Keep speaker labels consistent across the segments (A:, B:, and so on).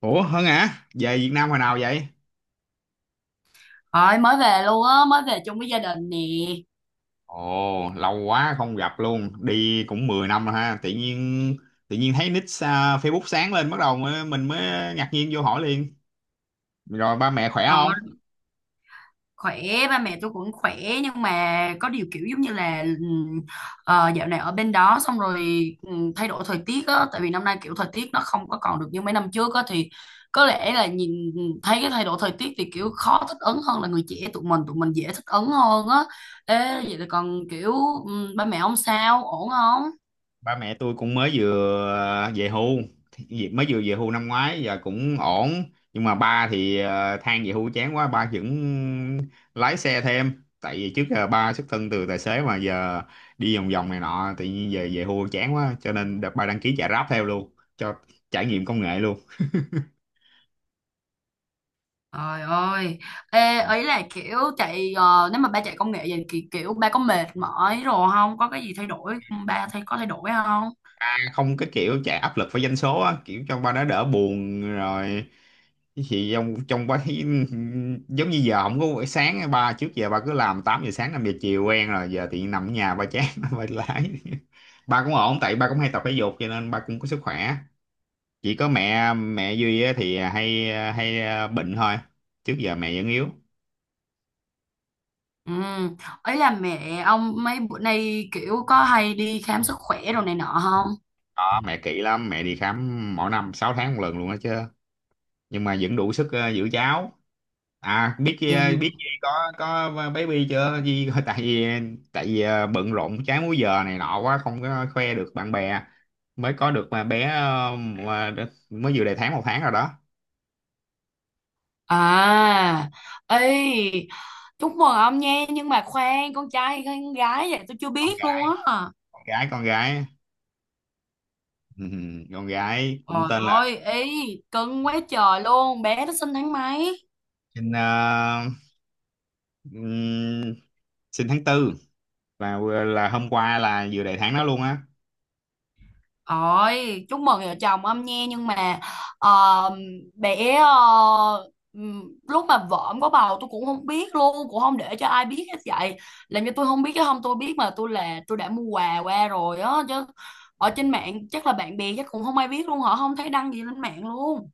A: Ủa Hân hả? Về Việt Nam hồi nào vậy?
B: Rồi mới về luôn á, mới về chung với gia đình nè.
A: Ồ, lâu quá không gặp luôn. Đi cũng 10 năm rồi ha. Tự nhiên thấy nick à, Facebook sáng lên bắt đầu mình mới ngạc nhiên vô hỏi liền. Rồi ba mẹ khỏe
B: Ờ,
A: không?
B: Khỏe, ba mẹ tôi cũng khỏe nhưng mà có điều kiểu giống như là dạo này ở bên đó xong rồi thay đổi thời tiết á, tại vì năm nay kiểu thời tiết nó không có còn được như mấy năm trước á, thì có lẽ là nhìn thấy cái thay đổi thời tiết thì kiểu khó thích ứng hơn là người trẻ tụi mình dễ thích ứng hơn á. Ê, vậy là còn kiểu ba mẹ ông sao, ổn không?
A: Ba mẹ tôi cũng mới vừa à, về hưu. Mới vừa về hưu năm ngoái giờ cũng ổn, nhưng mà ba thì than về hưu chán quá ba vẫn lái xe thêm. Tại vì trước giờ ba xuất thân từ tài xế mà giờ đi vòng vòng này nọ, tự nhiên về về hưu chán quá cho nên đợt ba đăng ký chạy Grab theo luôn cho trải nghiệm công nghệ luôn.
B: Trời ơi, ê, ấy là kiểu chạy nếu mà ba chạy công nghệ vậy thì kiểu ba có mệt mỏi rồi không? Có cái gì thay đổi ba có thay đổi không?
A: À, không, cái kiểu chạy áp lực với doanh số á kiểu cho ba nó đỡ buồn rồi. Chứ chị trong trong bấy giống như giờ không có buổi sáng á, ba trước giờ ba cứ làm 8 giờ sáng 5 giờ chiều quen rồi, giờ thì nằm ở nhà ba chán ba lái. Ba cũng ổn tại ba cũng hay tập thể dục cho nên ba cũng có sức khỏe. Chỉ có mẹ mẹ Duy á, thì hay hay ờ, bệnh thôi. Trước giờ mẹ vẫn yếu.
B: Ừ, ấy là mẹ ông mấy bữa nay kiểu có hay đi khám sức khỏe rồi này nọ không?
A: Đó, mẹ kỹ lắm, mẹ đi khám mỗi năm 6 tháng một lần luôn đó chứ, nhưng mà vẫn đủ sức giữ cháu. À, biết chi
B: Dạ.
A: biết gì có baby chưa? Gì tại vì bận rộn trái múi giờ này nọ quá không có khoe được bạn bè. Mới có được mà bé mới vừa đầy tháng 1 tháng rồi đó.
B: À, ấy, chúc mừng ông nha, nhưng mà khoan, con trai hay con gái vậy? Tôi chưa
A: Con
B: biết
A: gái,
B: luôn á.
A: con gái, con gái. Con gái cũng
B: Trời
A: tên là
B: ơi, ý, cưng quá trời luôn, bé nó sinh tháng mấy?
A: sinh ờ, ừm, sinh tháng tư, là là hôm qua là vừa đầy tháng đó luôn á.
B: Ôi, chúc mừng vợ chồng ông nha, nhưng mà ờ, bé ờ, ừm, lúc mà vợ ông có bầu tôi cũng không biết luôn, cũng không để cho ai biết hết vậy. Làm cho tôi không biết, chứ không tôi biết mà, tôi là tôi đã mua quà qua rồi á chứ. Ở trên mạng chắc là bạn bè chắc cũng không ai biết luôn, họ không thấy đăng gì lên mạng luôn.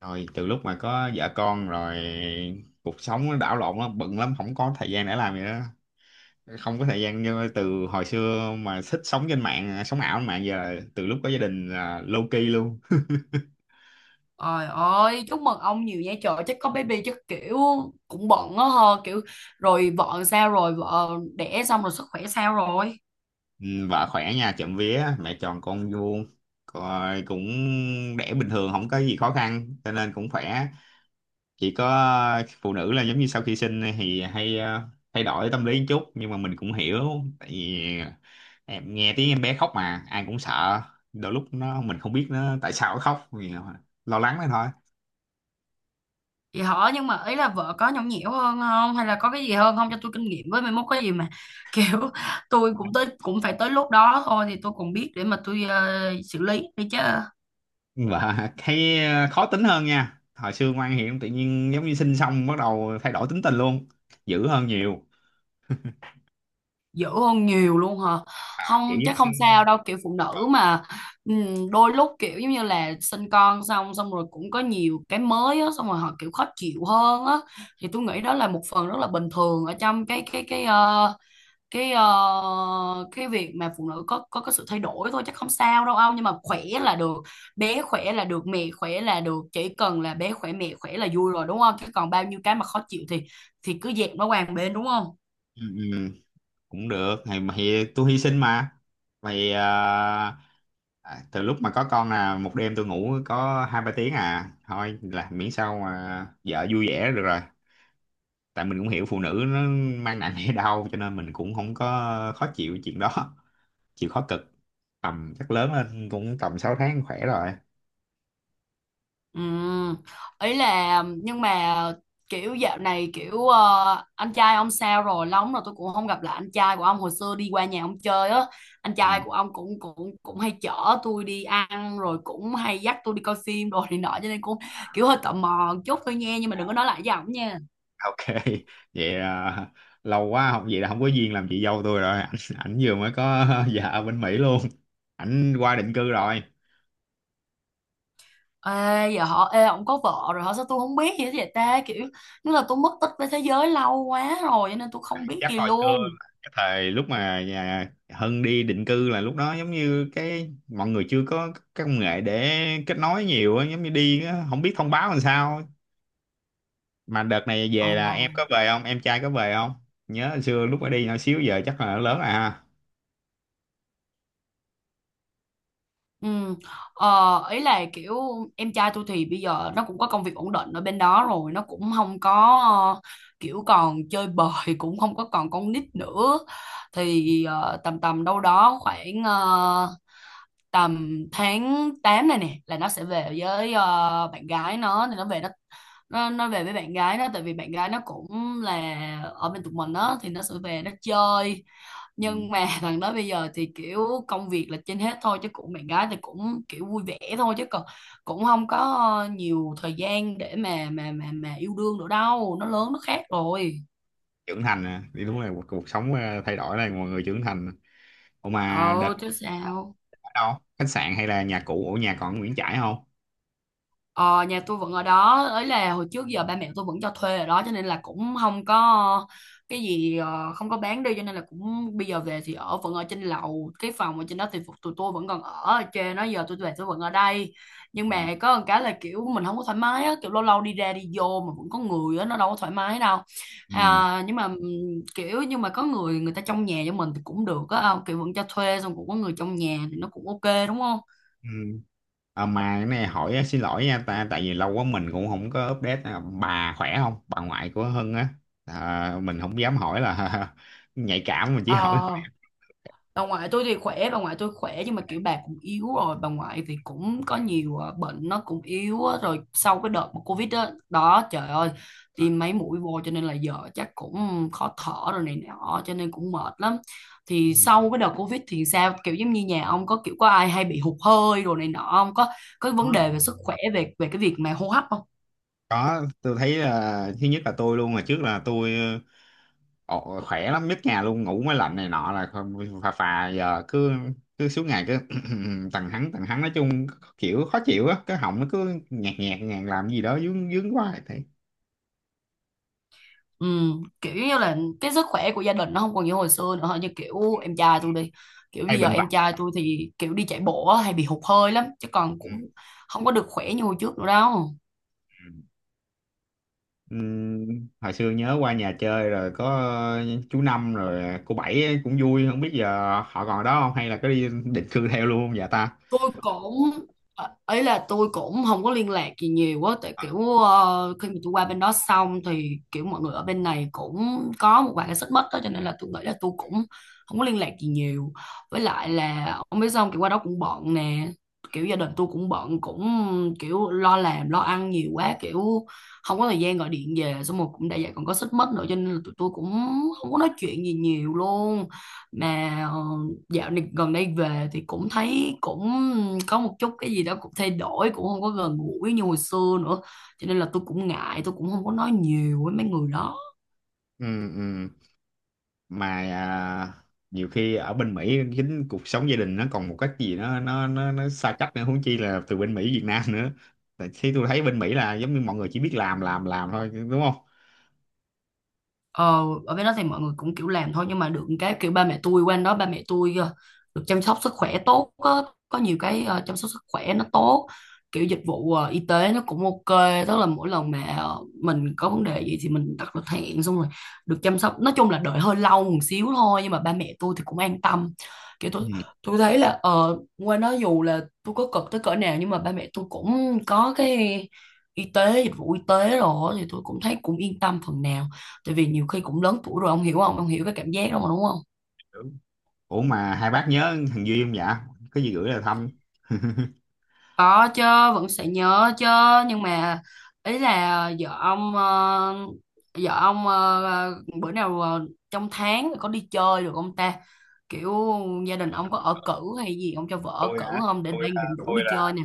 A: Rồi từ lúc mà có vợ con rồi, cuộc sống nó đảo lộn lắm, bận lắm không có thời gian để làm gì đó. Không có thời gian như từ hồi xưa mà thích sống trên mạng, sống ảo trên mạng, giờ từ lúc có gia đình là low key luôn.
B: Trời ơi, chúc mừng ông nhiều nha, trời, chắc có baby chắc kiểu cũng bận á hờ, kiểu rồi vợ sao rồi, vợ đẻ xong rồi sức khỏe sao rồi?
A: Ừ, vợ khỏe nha, trộm vía mẹ tròn con vuông, rồi cũng đẻ bình thường không có gì khó khăn cho nên cũng khỏe. Chỉ có phụ nữ là giống như sau khi sinh thì hay thay đổi tâm lý một chút, nhưng mà mình cũng hiểu. Tại vì em nghe tiếng em bé khóc mà ai cũng sợ, đôi lúc nó mình không biết nó tại sao nó khóc vì lo lắng đó thôi.
B: Vậy hả? Nhưng mà ý là vợ có nhõng nhẽo hơn không? Hay là có cái gì hơn không, cho tôi kinh nghiệm với, mai mốt có gì mà kiểu tôi cũng tới, cũng phải tới lúc đó thôi, thì tôi còn biết để mà tôi xử lý đi chứ.
A: Và thấy khó tính hơn nha, hồi xưa ngoan hiền tự nhiên giống như sinh xong bắt đầu thay đổi tính tình luôn, dữ hơn nhiều.
B: Dữ hơn nhiều luôn hả?
A: À, kiểu
B: Không,
A: giống
B: chắc không
A: như
B: sao đâu, kiểu phụ
A: ờ,
B: nữ mà. Đôi lúc kiểu giống như là sinh con xong, xong rồi cũng có nhiều cái mới á, xong rồi họ kiểu khó chịu hơn á, thì tôi nghĩ đó là một phần rất là bình thường ở trong cái ờ, cái việc mà phụ nữ có sự thay đổi thôi, chắc không sao đâu ông, nhưng mà khỏe là được, bé khỏe là được, mẹ khỏe là được, chỉ cần là bé khỏe mẹ khỏe là vui rồi đúng không, chứ còn bao nhiêu cái mà khó chịu thì cứ dẹp nó qua một bên đúng không?
A: ừ, ừ, cũng được thì, mà thì tôi hy sinh mà. Mày à, từ lúc mà có con là một đêm tôi ngủ có hai ba tiếng à thôi, là miễn sao mà vợ vui vẻ là được rồi. Tại mình cũng hiểu phụ nữ nó mang nặng hay đau cho nên mình cũng không có khó chịu chuyện đó. Chịu khó cực, tầm chắc lớn lên cũng tầm 6 tháng khỏe rồi.
B: Ừ. Ý là nhưng mà kiểu dạo này kiểu anh trai ông sao rồi, lâu lắm rồi tôi cũng không gặp lại anh trai của ông, hồi xưa đi qua nhà ông chơi á, anh
A: Ừ.
B: trai của ông cũng cũng cũng hay chở tôi đi ăn rồi cũng hay dắt tôi đi coi phim rồi này nọ, cho nên cũng kiểu hơi tò mò một chút thôi nha, nhưng mà đừng có
A: À,
B: nói lại với ổng nha.
A: ok vậy à, lâu quá học vậy là không có duyên làm chị dâu tôi rồi ảnh vừa mới có vợ ở bên Mỹ luôn, ảnh qua định cư rồi.
B: Ê giờ họ, ê, ông có vợ rồi hả, sao tôi không biết gì hết vậy ta, kiểu như là tôi mất tích với thế giới lâu quá rồi cho nên tôi không biết
A: Chắc
B: gì
A: hồi xưa
B: luôn.
A: cái thời lúc mà nhà Hân đi định cư là lúc đó giống như cái mọi người chưa có các công nghệ để kết nối nhiều á, giống như đi á, không biết thông báo làm sao. Mà đợt này
B: Ờ.
A: về là em có về không, em trai có về không, nhớ hồi xưa lúc ở đi nhỏ xíu giờ chắc là lớn rồi ha.
B: Ừ. Ờ, ý là kiểu em trai tôi thì bây giờ nó cũng có công việc ổn định ở bên đó rồi, nó cũng không có ờ, kiểu còn chơi bời, cũng không có còn con nít nữa, thì tầm tầm đâu đó khoảng tầm tháng 8 này nè là nó sẽ về với bạn gái nó, thì nó về với bạn gái nó, tại vì bạn gái nó cũng là ở bên tụi mình đó, thì nó sẽ về nó chơi. Nhưng mà thằng đó bây giờ thì kiểu công việc là trên hết thôi, chứ cũng bạn gái thì cũng kiểu vui vẻ thôi, chứ còn cũng không có nhiều thời gian để mà yêu đương nữa đâu, nó lớn nó khác rồi.
A: Trưởng thành à. Thì đúng là cuộc sống thay đổi là mọi người trưởng thành. Ủa mà
B: Ờ
A: đợt
B: chứ sao.
A: ở đâu, khách sạn hay là nhà cũ, ở nhà còn ở Nguyễn Trãi không?
B: Ờ, nhà tôi vẫn ở đó, ấy là hồi trước giờ ba mẹ tôi vẫn cho thuê ở đó, cho nên là cũng không có cái gì không có bán đi, cho nên là cũng bây giờ về thì ở vẫn ở trên lầu, cái phòng ở trên đó thì tụi tôi vẫn còn ở ở trên đó, giờ tôi về tôi vẫn ở đây. Nhưng
A: Ừ.
B: mà có một cái là kiểu mình không có thoải mái á, kiểu lâu lâu đi ra đi vô mà vẫn có người á, nó đâu có thoải mái đâu.
A: Ừ.
B: Nhưng mà kiểu nhưng mà có người người ta trong nhà cho mình thì cũng được á, kiểu vẫn cho thuê xong cũng có người trong nhà thì nó cũng ok đúng không.
A: Ừ. À, mà cái này hỏi á, xin lỗi nha ta, tại vì lâu quá mình cũng không có update à, bà khỏe không, bà ngoại của Hưng á. À, mình không dám hỏi là nhạy cảm, mình chỉ hỏi hỏi
B: Ờ, bà ngoại tôi thì khỏe, bà ngoại tôi khỏe nhưng mà kiểu bà cũng yếu rồi, bà ngoại thì cũng có nhiều bệnh, nó cũng yếu á. Rồi sau cái đợt mà covid đó, đó trời ơi, tiêm mấy mũi vô cho nên là giờ chắc cũng khó thở rồi này nọ, cho nên cũng mệt lắm. Thì
A: Ừ.
B: sau cái đợt covid thì sao, kiểu giống như nhà ông có kiểu có ai hay bị hụt hơi rồi này nọ không, có có vấn đề về sức khỏe, về về cái việc mà hô hấp không?
A: Có, tôi thấy là thứ nhất là tôi luôn mà, trước là tôi ồ, khỏe lắm nhất nhà luôn, ngủ mới lạnh này nọ là không, phà phà. Giờ cứ cứ suốt ngày cứ tần hắng tần hắng, nói chung kiểu khó chịu á, cái họng nó cứ nhạt nhạt nhạt làm gì đó, dướng dướng quá thế.
B: Ừ, kiểu như là cái sức khỏe của gia đình nó không còn như hồi xưa nữa, như kiểu em trai tôi đi, kiểu
A: Hay
B: bây giờ
A: bệnh
B: em
A: vặt.
B: trai tôi thì kiểu đi chạy bộ á, hay bị hụt hơi lắm, chứ còn
A: Ừ.
B: cũng không có được khỏe như hồi trước nữa đâu.
A: Ừ. Hồi xưa nhớ qua nhà chơi rồi có chú Năm rồi cô Bảy ấy cũng vui, không biết giờ họ còn ở đó không, hay là có đi định cư theo luôn không vậy ta.
B: tôi cũng Ấy là tôi cũng không có liên lạc gì nhiều quá, tại
A: Ờ.
B: kiểu khi mà tôi qua bên đó xong thì kiểu mọi người ở bên này cũng có một vài cái xích mích đó, cho nên là tôi nghĩ là tôi cũng không có liên lạc gì nhiều, với lại là ông biết, xong kiểu qua đó cũng bận nè, kiểu gia đình tôi cũng bận, cũng kiểu lo làm lo ăn nhiều quá, kiểu không có thời gian gọi điện về, xong rồi cũng đã vậy còn có xích mích nữa, cho nên là tụi tôi cũng không có nói chuyện gì nhiều luôn. Mà dạo này gần đây về thì cũng thấy cũng có một chút cái gì đó cũng thay đổi, cũng không có gần gũi như hồi xưa nữa, cho nên là tôi cũng ngại, tôi cũng không có nói nhiều với mấy người đó.
A: Ừ, ừ. Mà à, nhiều khi ở bên Mỹ chính cuộc sống gia đình nó còn một cách gì nó xa cách nữa, huống chi là từ bên Mỹ Việt Nam nữa. Tại khi tôi thấy bên Mỹ là giống như mọi người chỉ biết làm thôi, đúng không.
B: Ờ, ở bên đó thì mọi người cũng kiểu làm thôi, nhưng mà được cái kiểu ba mẹ tôi qua đó, ba mẹ tôi được chăm sóc sức khỏe tốt, có nhiều cái chăm sóc sức khỏe nó tốt, kiểu dịch vụ y tế nó cũng ok, tức là mỗi lần mà mình có vấn đề gì thì mình đặt lịch hẹn xong rồi được chăm sóc, nói chung là đợi hơi lâu một xíu thôi, nhưng mà ba mẹ tôi thì cũng an tâm. kiểu tôi
A: Ừ.
B: tôi thấy là qua đó dù là tôi có cực tới cỡ nào nhưng mà ba mẹ tôi cũng có cái y tế, dịch vụ y tế rồi, thì tôi cũng thấy cũng yên tâm phần nào, tại vì nhiều khi cũng lớn tuổi rồi ông hiểu không, ông hiểu cái cảm giác đó mà đúng không.
A: Đúng. Ủa mà hai bác nhớ thằng Duy không dạ, có gì gửi là thăm.
B: Có chứ, vẫn sẽ nhớ chứ. Nhưng mà ý là vợ ông bữa nào trong tháng có đi chơi được không ta, kiểu gia đình ông có ở cữ hay gì, ông cho vợ ở
A: tôi
B: cữ
A: hả
B: không, để
A: tôi
B: đang
A: à,
B: định rủ
A: tôi
B: đi
A: là
B: chơi nè.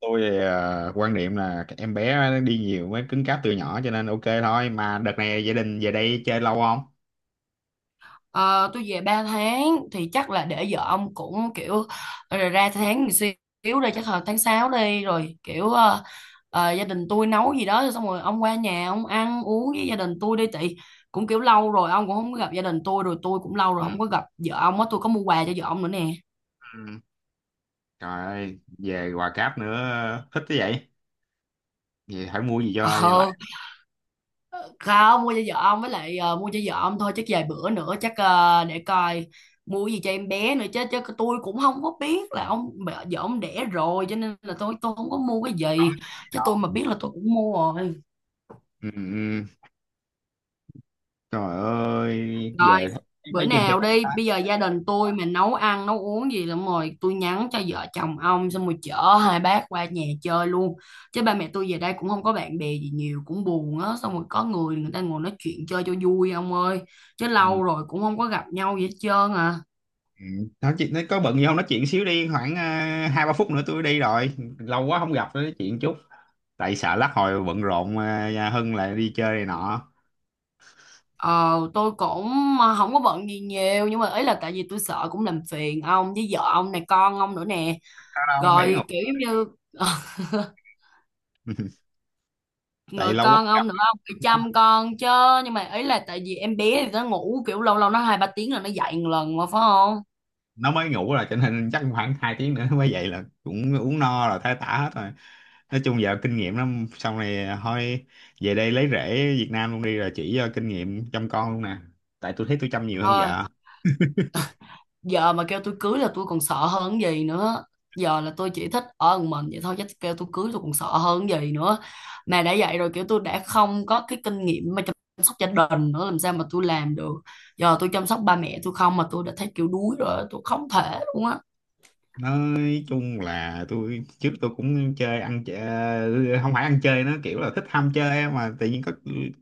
A: tôi à, quan niệm là cái em bé nó đi nhiều mới cứng cáp từ nhỏ cho nên ok thôi. Mà đợt này gia đình về đây chơi lâu không?
B: Ờ, tôi về 3 tháng thì chắc là để vợ ông cũng kiểu rồi ra tháng một xíu đây chắc là tháng 6 đi, rồi kiểu gia đình tôi nấu gì đó xong rồi ông qua nhà, ông ăn uống với gia đình tôi đi, tại cũng kiểu lâu rồi ông cũng không có gặp gia đình tôi, rồi tôi cũng lâu rồi không có gặp vợ ông á, tôi có mua quà cho vợ ông nữa nè.
A: Ừ. Trời ơi về Hòa Cáp nữa, thích thế vậy. Vậy phải mua gì cho
B: Ờ,
A: lại,
B: không, mua cho vợ ông với lại mua cho vợ ông thôi, chắc vài bữa nữa chắc để coi mua gì cho em bé nữa chứ, chứ tôi cũng không có biết là vợ ông đẻ rồi, cho nên là tôi không có mua cái
A: có
B: gì,
A: cái gì
B: chứ tôi
A: đó.
B: mà biết là tôi cũng mua rồi.
A: Ừ, ừ. Trời ơi
B: Rồi,
A: về thấy,
B: bữa
A: thấy trên
B: nào
A: Facebook
B: đi,
A: đó.
B: bây giờ gia đình tôi mà nấu ăn, nấu uống gì lắm rồi, tôi nhắn cho vợ chồng ông xong rồi chở hai bác qua nhà chơi luôn. Chứ ba mẹ tôi về đây cũng không có bạn bè gì nhiều, cũng buồn á, xong rồi có người người ta ngồi nói chuyện chơi cho vui ông ơi. Chứ lâu
A: Ừ.
B: rồi cũng không có gặp nhau gì hết trơn à.
A: Ừ. Nói có bận gì không, nói chuyện xíu đi, khoảng hai ba phút nữa tôi đi rồi. Lâu quá không gặp nữa, nói chuyện chút, tại sợ lát hồi bận rộn nhà Hưng lại đi chơi này nọ.
B: Ờ, tôi cũng không có bận gì nhiều, nhưng mà ý là tại vì tôi sợ cũng làm phiền ông với vợ ông này, con ông nữa nè.
A: Đâu đâu, bé ngục.
B: Rồi kiểu giống như
A: Tại
B: rồi
A: lâu quá
B: con ông nữa, không phải chăm con chứ. Nhưng mà ấy là tại vì em bé thì nó ngủ kiểu lâu lâu nó hai ba tiếng là nó dậy một lần mà phải không.
A: nó mới ngủ rồi cho nên chắc khoảng 2 tiếng nữa nó mới dậy, là cũng uống no rồi thấy tả hết rồi. Nói chung giờ kinh nghiệm lắm xong này thôi, về đây lấy rễ Việt Nam luôn đi rồi chỉ cho kinh nghiệm chăm con luôn nè. Tại tôi thấy tôi chăm nhiều hơn
B: ờ,
A: vợ.
B: Giờ mà kêu tôi cưới là tôi còn sợ hơn cái gì nữa, giờ là tôi chỉ thích ở một mình vậy thôi, chứ kêu tôi cưới tôi còn sợ hơn cái gì nữa, mà đã vậy rồi kiểu tôi đã không có cái kinh nghiệm mà chăm sóc gia đình nữa, làm sao mà tôi làm được, giờ tôi chăm sóc ba mẹ tôi không mà tôi đã thấy kiểu đuối rồi, tôi không thể luôn á.
A: Nói chung là tôi, trước tôi cũng chơi, ăn chơi không phải ăn chơi, nó kiểu là thích ham chơi á, mà tự nhiên có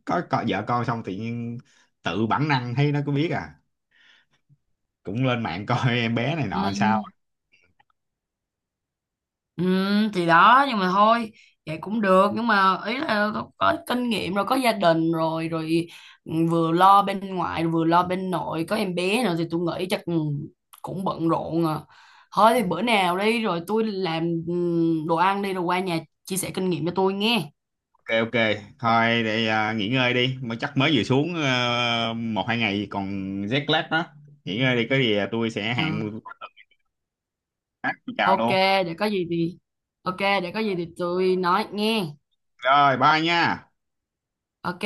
A: có, có vợ con xong, tự nhiên tự bản năng thấy nó cũng biết à, cũng lên mạng coi em bé này
B: Ừ.
A: nọ làm sao.
B: Ừ, thì đó, nhưng mà thôi vậy cũng được, nhưng mà ý là có kinh nghiệm rồi, có gia đình rồi rồi ừ, vừa lo bên ngoại vừa lo bên nội, có em bé nữa, thì tôi nghĩ chắc ừ, cũng bận rộn à. Thôi thì
A: Ừ.
B: bữa nào đi rồi tôi làm ừ, đồ ăn đi rồi qua nhà chia sẻ kinh nghiệm cho tôi nghe.
A: Ok ok. Thôi để à, nghỉ ngơi đi, mới chắc mới vừa xuống à, một hai ngày còn jet lag đó. Nghỉ ngơi đi, có gì à, tôi sẽ
B: Ừ,
A: hẹn khác, tôi chào
B: ok,
A: luôn.
B: để có gì thì tôi nói nghe.
A: Rồi bye nha.
B: Ok.